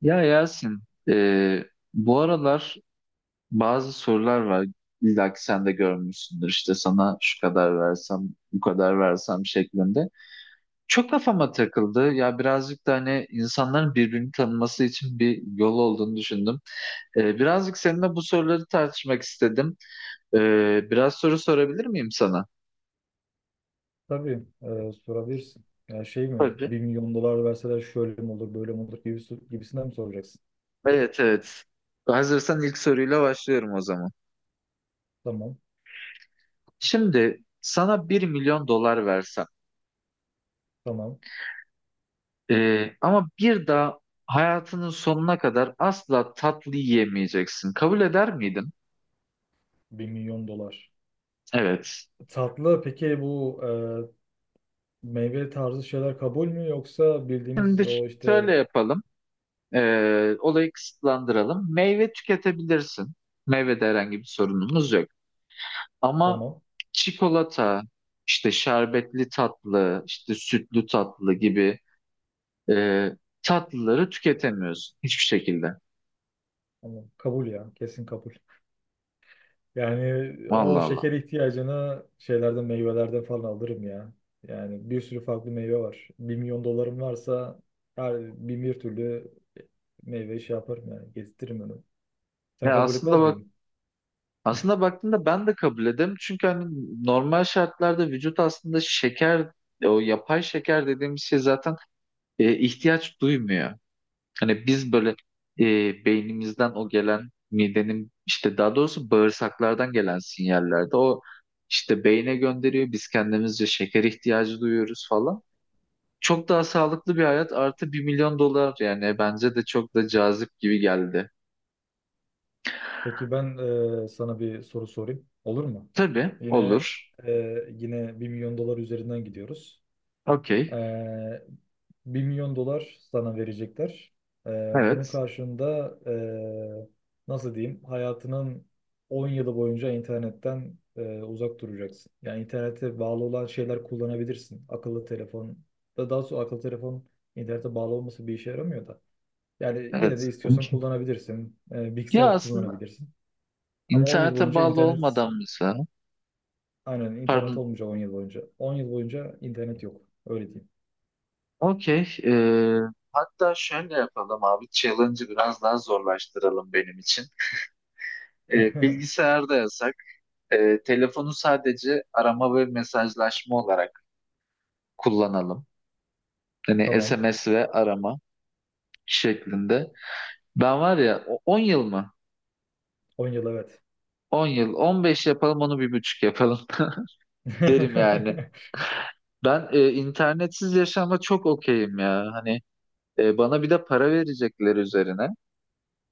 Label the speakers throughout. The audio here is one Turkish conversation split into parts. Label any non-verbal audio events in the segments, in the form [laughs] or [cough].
Speaker 1: Ya Yasin, e, bu aralar bazı sorular var. İlla ki sen de görmüşsündür. İşte sana şu kadar versem, bu kadar versem şeklinde. Çok kafama takıldı. Ya birazcık da hani insanların birbirini tanıması için bir yol olduğunu düşündüm. Birazcık seninle bu soruları tartışmak istedim. E, Biraz soru sorabilir miyim sana?
Speaker 2: Tabii sorabilirsin. Ya şey mi?
Speaker 1: Tabii.
Speaker 2: Bir milyon dolar verseler şöyle mi olur, böyle mi olur gibisi, gibisinden mi soracaksın?
Speaker 1: Evet, evet. Hazırsan ilk soruyla başlıyorum o zaman.
Speaker 2: Tamam,
Speaker 1: Şimdi sana bir milyon dolar versem.
Speaker 2: tamam.
Speaker 1: Ama bir daha hayatının sonuna kadar asla tatlı yiyemeyeceksin. Kabul eder miydin?
Speaker 2: Bir milyon dolar.
Speaker 1: Evet.
Speaker 2: Tatlı peki bu meyve tarzı şeyler kabul mü yoksa bildiğimiz
Speaker 1: Şimdi
Speaker 2: o
Speaker 1: şöyle
Speaker 2: işte
Speaker 1: yapalım. Olayı kısıtlandıralım. Meyve tüketebilirsin. Meyvede herhangi bir sorunumuz yok. Ama
Speaker 2: tamam.
Speaker 1: çikolata, işte şerbetli tatlı, işte sütlü tatlı gibi e, tatlıları tüketemiyorsun hiçbir şekilde.
Speaker 2: Tamam. Kabul ya. Kesin kabul. Yani o
Speaker 1: Vallahi Allah.
Speaker 2: şeker ihtiyacını şeylerden meyvelerden falan alırım ya. Yani bir sürü farklı meyve var. Bir milyon dolarım varsa her bin bir türlü meyve şey yaparım yani gezdiririm. Sen
Speaker 1: Ya
Speaker 2: kabul
Speaker 1: aslında
Speaker 2: etmez
Speaker 1: bak,
Speaker 2: miydin?
Speaker 1: aslında baktığında ben de kabul ederim. Çünkü hani normal şartlarda vücut aslında şeker, o yapay şeker dediğimiz şey zaten ihtiyaç duymuyor. Hani biz böyle beynimizden o gelen midenin işte daha doğrusu bağırsaklardan gelen sinyallerde o işte beyne gönderiyor. Biz kendimizce şeker ihtiyacı duyuyoruz falan. Çok daha sağlıklı bir hayat artı bir milyon dolar, yani bence de çok da cazip gibi geldi.
Speaker 2: Peki ben sana bir soru sorayım. Olur mu?
Speaker 1: Tabii
Speaker 2: Yine
Speaker 1: olur.
Speaker 2: e, yine bir milyon dolar üzerinden gidiyoruz.
Speaker 1: Okey.
Speaker 2: Ee, 1 milyon dolar sana verecekler. Bunun
Speaker 1: Evet.
Speaker 2: karşılığında nasıl diyeyim, hayatının 10 yılı boyunca internetten uzak duracaksın. Yani internete bağlı olan şeyler kullanabilirsin. Akıllı telefon da daha sonra akıllı telefon internete bağlı olması bir işe yaramıyor da. Yani yine de
Speaker 1: Evet.
Speaker 2: istiyorsan kullanabilirsin.
Speaker 1: Ya
Speaker 2: Bilgisayar
Speaker 1: aslında
Speaker 2: kullanabilirsin. Ama 10 yıl
Speaker 1: internete
Speaker 2: boyunca
Speaker 1: bağlı
Speaker 2: internet
Speaker 1: olmadan mesela.
Speaker 2: aynen internet
Speaker 1: Pardon.
Speaker 2: olmayacak 10 yıl boyunca. 10 yıl boyunca internet yok. Öyle diyeyim.
Speaker 1: Okey. Hatta şöyle yapalım abi. Challenge'ı biraz daha zorlaştıralım benim için.
Speaker 2: [laughs]
Speaker 1: Bilgisayarda yasak. Telefonu sadece arama ve mesajlaşma olarak kullanalım. Yani
Speaker 2: Tamam.
Speaker 1: SMS ve arama şeklinde. Ben var ya 10 yıl mı?
Speaker 2: 10 yıl evet.
Speaker 1: 10 yıl. 15 yapalım, onu bir buçuk yapalım [laughs] derim yani.
Speaker 2: [laughs]
Speaker 1: Ben internetsiz yaşama çok okeyim ya. Hani E, bana bir de para verecekler üzerine.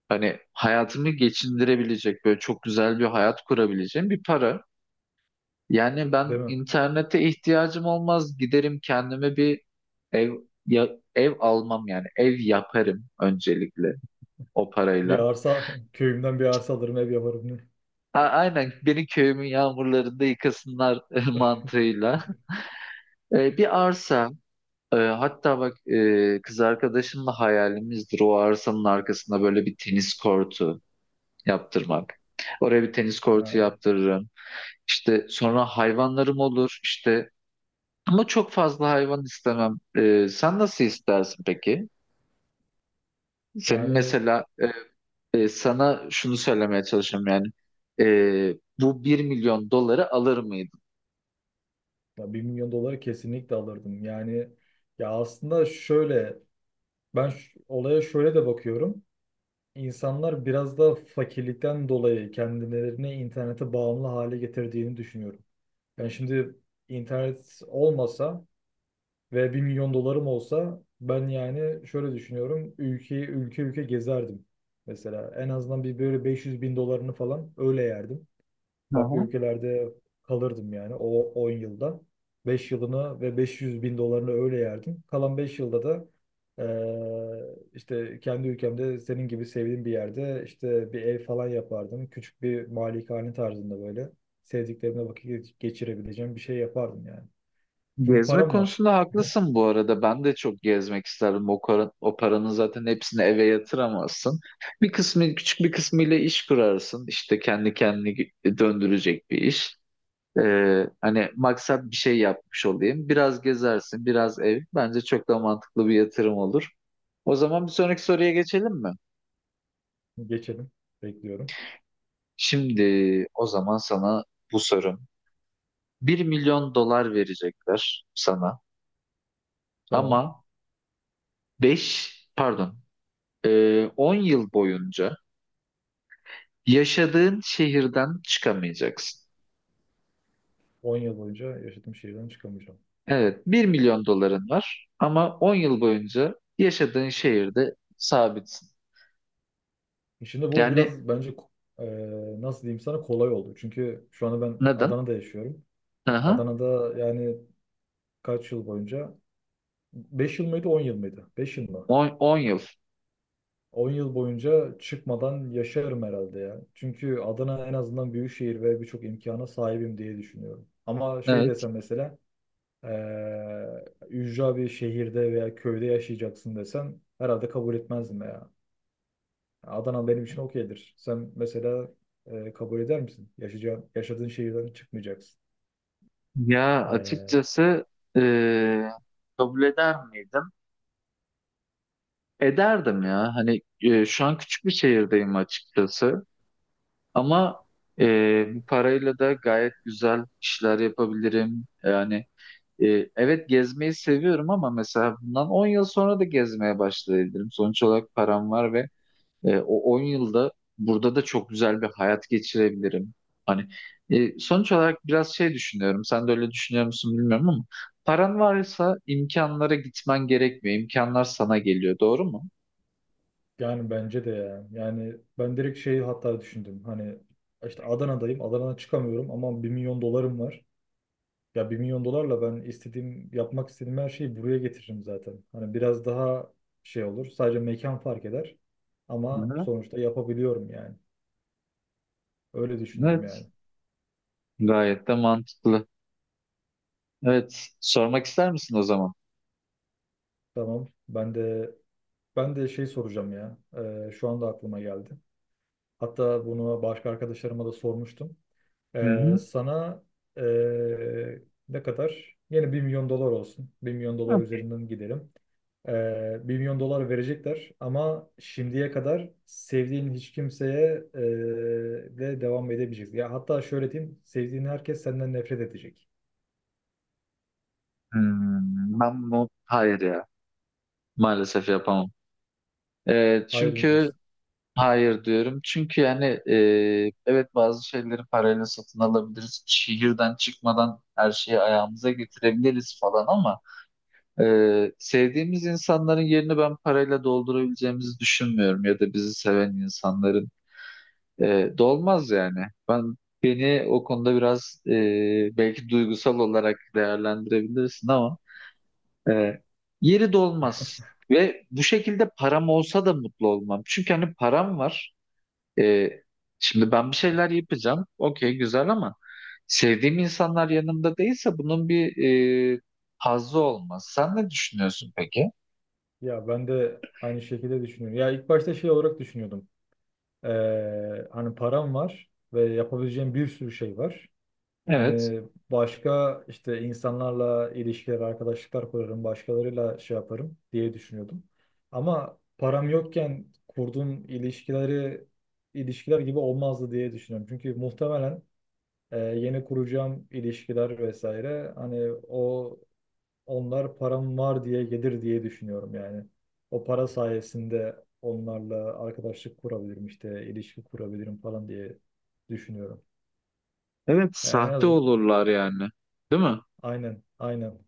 Speaker 1: Hani hayatımı geçindirebilecek böyle çok güzel bir hayat kurabileceğim bir para. Yani ben
Speaker 2: Değil mi?
Speaker 1: internete ihtiyacım olmaz. Giderim kendime bir ev, ya, ev almam yani. Ev yaparım öncelikle o
Speaker 2: Bir
Speaker 1: parayla.
Speaker 2: arsa, köyümden bir arsa alırım, ev yaparım. Ne?
Speaker 1: Ha, aynen beni köyümün yağmurlarında yıkasınlar [laughs] mantığıyla. Bir arsa, hatta bak, kız arkadaşımla hayalimizdir o arsanın arkasında böyle bir tenis kortu yaptırmak. Oraya bir tenis kortu
Speaker 2: Ha,
Speaker 1: yaptırırım. İşte sonra hayvanlarım olur işte. Ama çok fazla hayvan istemem. Sen nasıl istersin peki? Senin
Speaker 2: yani
Speaker 1: mesela sana şunu söylemeye çalışıyorum yani. Ee, Bu bir milyon doları alır mıydın?
Speaker 2: ya 1 milyon doları kesinlikle alırdım. Yani ya aslında şöyle, ben olaya şöyle de bakıyorum. İnsanlar biraz da fakirlikten dolayı kendilerini internete bağımlı hale getirdiğini düşünüyorum. Yani şimdi internet olmasa ve bir milyon dolarım olsa ben yani şöyle düşünüyorum. Ülke ülke gezerdim. Mesela en azından bir böyle 500 bin dolarını falan öyle yerdim.
Speaker 1: Hı
Speaker 2: Farklı
Speaker 1: hı.
Speaker 2: ülkelerde kalırdım yani o 10 yılda. Beş yılını ve 500 bin dolarını öyle yerdim. Kalan 5 yılda da işte kendi ülkemde senin gibi sevdiğim bir yerde işte bir ev falan yapardım. Küçük bir malikane tarzında böyle sevdiklerimle vakit geçirebileceğim bir şey yapardım yani. Çünkü
Speaker 1: Gezme
Speaker 2: param var.
Speaker 1: konusunda
Speaker 2: [laughs]
Speaker 1: haklısın bu arada. Ben de çok gezmek isterdim. O, o paranın zaten hepsini eve yatıramazsın. Bir kısmı, küçük bir kısmıyla iş kurarsın. İşte kendi kendini döndürecek bir iş. Hani maksat bir şey yapmış olayım. Biraz gezersin, biraz ev. Bence çok da mantıklı bir yatırım olur. O zaman bir sonraki soruya geçelim mi?
Speaker 2: Geçelim. Bekliyorum.
Speaker 1: Şimdi o zaman sana bu sorum. Bir milyon dolar verecekler sana,
Speaker 2: Tamam.
Speaker 1: ama 5, pardon 10 yıl boyunca yaşadığın şehirden çıkamayacaksın.
Speaker 2: 10 yıl boyunca yaşadığım şehirden çıkamayacağım.
Speaker 1: Evet, bir milyon doların var ama 10 yıl boyunca yaşadığın şehirde sabitsin.
Speaker 2: Şimdi bu
Speaker 1: Yani
Speaker 2: biraz bence e, nasıl diyeyim sana kolay oldu. Çünkü şu anda ben
Speaker 1: neden?
Speaker 2: Adana'da yaşıyorum.
Speaker 1: Aha.
Speaker 2: Adana'da yani kaç yıl boyunca? 5 yıl mıydı 10 yıl mıydı? 5 yıl mı?
Speaker 1: 10 yıl.
Speaker 2: 10 yıl boyunca çıkmadan yaşarım herhalde ya. Çünkü Adana en azından büyük şehir ve birçok imkana sahibim diye düşünüyorum. Ama şey
Speaker 1: Evet.
Speaker 2: desem mesela ücra bir şehirde veya köyde yaşayacaksın desen herhalde kabul etmezdim ya. Adana benim için okeydir. Sen mesela kabul eder misin? Yaşayacağın, yaşadığın şehirden çıkmayacaksın.
Speaker 1: Ya
Speaker 2: E,
Speaker 1: açıkçası eee, kabul eder miydim? Ederdim ya. Hani şu an küçük bir şehirdeyim açıkçası. Ama bu parayla da gayet güzel işler yapabilirim. Yani evet gezmeyi seviyorum, ama mesela bundan 10 yıl sonra da gezmeye başlayabilirim. Sonuç olarak param var ve E, o 10 yılda burada da çok güzel bir hayat geçirebilirim. Hani sonuç olarak biraz şey düşünüyorum. Sen de öyle düşünüyor musun bilmiyorum, ama paran varsa imkanlara gitmen gerekmiyor. İmkanlar sana geliyor. Doğru mu?
Speaker 2: yani bence de ya. Yani ben direkt şeyi hatta düşündüm. Hani işte Adana'dayım. Adana'dan çıkamıyorum ama bir milyon dolarım var. Ya bir milyon dolarla ben istediğim, yapmak istediğim her şeyi buraya getiririm zaten. Hani biraz daha şey olur. Sadece mekan fark eder. Ama
Speaker 1: Hı-hı.
Speaker 2: sonuçta yapabiliyorum yani. Öyle düşünürüm
Speaker 1: Evet.
Speaker 2: yani.
Speaker 1: Gayet de mantıklı. Evet. Sormak ister misin o zaman?
Speaker 2: Tamam. Ben de şey soracağım ya. Şu anda aklıma geldi. Hatta bunu başka arkadaşlarıma da sormuştum.
Speaker 1: Hı-hı.
Speaker 2: Sana ee, ne kadar? Yine bir milyon dolar olsun. Bir milyon dolar üzerinden gidelim. 1 milyon dolar verecekler ama şimdiye kadar sevdiğin hiç kimseye de devam edemeyeceksin. Ya hatta şöyle diyeyim, sevdiğin herkes senden nefret edecek.
Speaker 1: Hmm, ben bunu hayır ya. Maalesef yapamam.
Speaker 2: Hayır mı
Speaker 1: Çünkü
Speaker 2: diyorsun?
Speaker 1: hayır diyorum. Çünkü yani evet, bazı şeyleri parayla satın alabiliriz. Şehirden çıkmadan her şeyi ayağımıza getirebiliriz falan, ama sevdiğimiz insanların yerini ben parayla doldurabileceğimizi düşünmüyorum, ya da bizi seven insanların dolmaz yani. Ben beni o konuda biraz belki duygusal olarak değerlendirebilirsin, ama e, yeri dolmaz. Ve bu şekilde param olsa da mutlu olmam. Çünkü hani param var. E, Şimdi ben bir şeyler yapacağım. Okey, güzel, ama sevdiğim insanlar yanımda değilse bunun bir e, hazzı olmaz. Sen ne düşünüyorsun peki?
Speaker 2: Ya ben de aynı şekilde düşünüyorum. Ya ilk başta şey olarak düşünüyordum. Hani param var ve yapabileceğim bir sürü şey var.
Speaker 1: Evet.
Speaker 2: Hani başka işte insanlarla ilişkiler, arkadaşlıklar kurarım, başkalarıyla şey yaparım diye düşünüyordum. Ama param yokken kurduğum ilişkiler gibi olmazdı diye düşünüyorum. Çünkü muhtemelen yeni kuracağım ilişkiler vesaire hani onlar param var diye gelir diye düşünüyorum yani. O para sayesinde onlarla arkadaşlık kurabilirim işte ilişki kurabilirim falan diye düşünüyorum.
Speaker 1: Evet,
Speaker 2: Yani en
Speaker 1: sahte
Speaker 2: azından
Speaker 1: olurlar yani. Değil mi?
Speaker 2: aynen, aynen.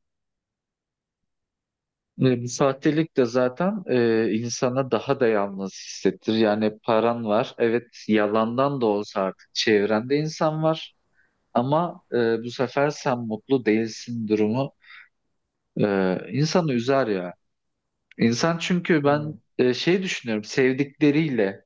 Speaker 1: Bu sahtelik de zaten insana daha da yalnız hissettir. Yani paran var. Evet, yalandan da olsa artık çevrende insan var. Ama bu sefer sen mutlu değilsin, durumu insanı üzer ya. İnsan, çünkü ben
Speaker 2: Yani,
Speaker 1: şey düşünüyorum, sevdikleriyle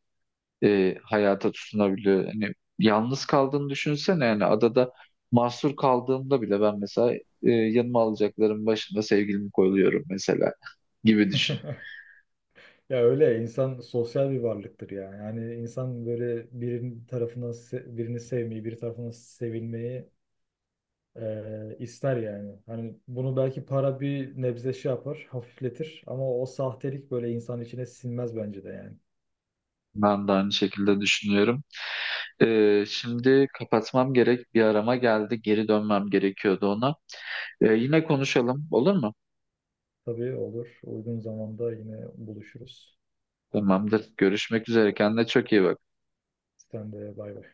Speaker 1: hayata tutunabiliyor. Hani yalnız kaldığını düşünsene yani, adada mahsur kaldığımda bile ben mesela yanıma alacaklarım başında sevgilimi koyuyorum mesela [laughs] gibi düşün.
Speaker 2: ya öyle insan sosyal bir varlıktır ya. Yani insan böyle birinin tarafından birini sevmeyi, bir tarafından sevilmeyi ister yani. Hani bunu belki para bir nebze şey yapar, hafifletir ama o sahtelik böyle insan içine sinmez bence de yani.
Speaker 1: Ben de aynı şekilde düşünüyorum. Şimdi kapatmam gerek, bir arama geldi, geri dönmem gerekiyordu ona. Yine konuşalım, olur mu?
Speaker 2: Tabii olur. Uygun zamanda yine buluşuruz.
Speaker 1: Tamamdır, görüşmek üzere, kendine çok iyi bak.
Speaker 2: Sen de bay bay.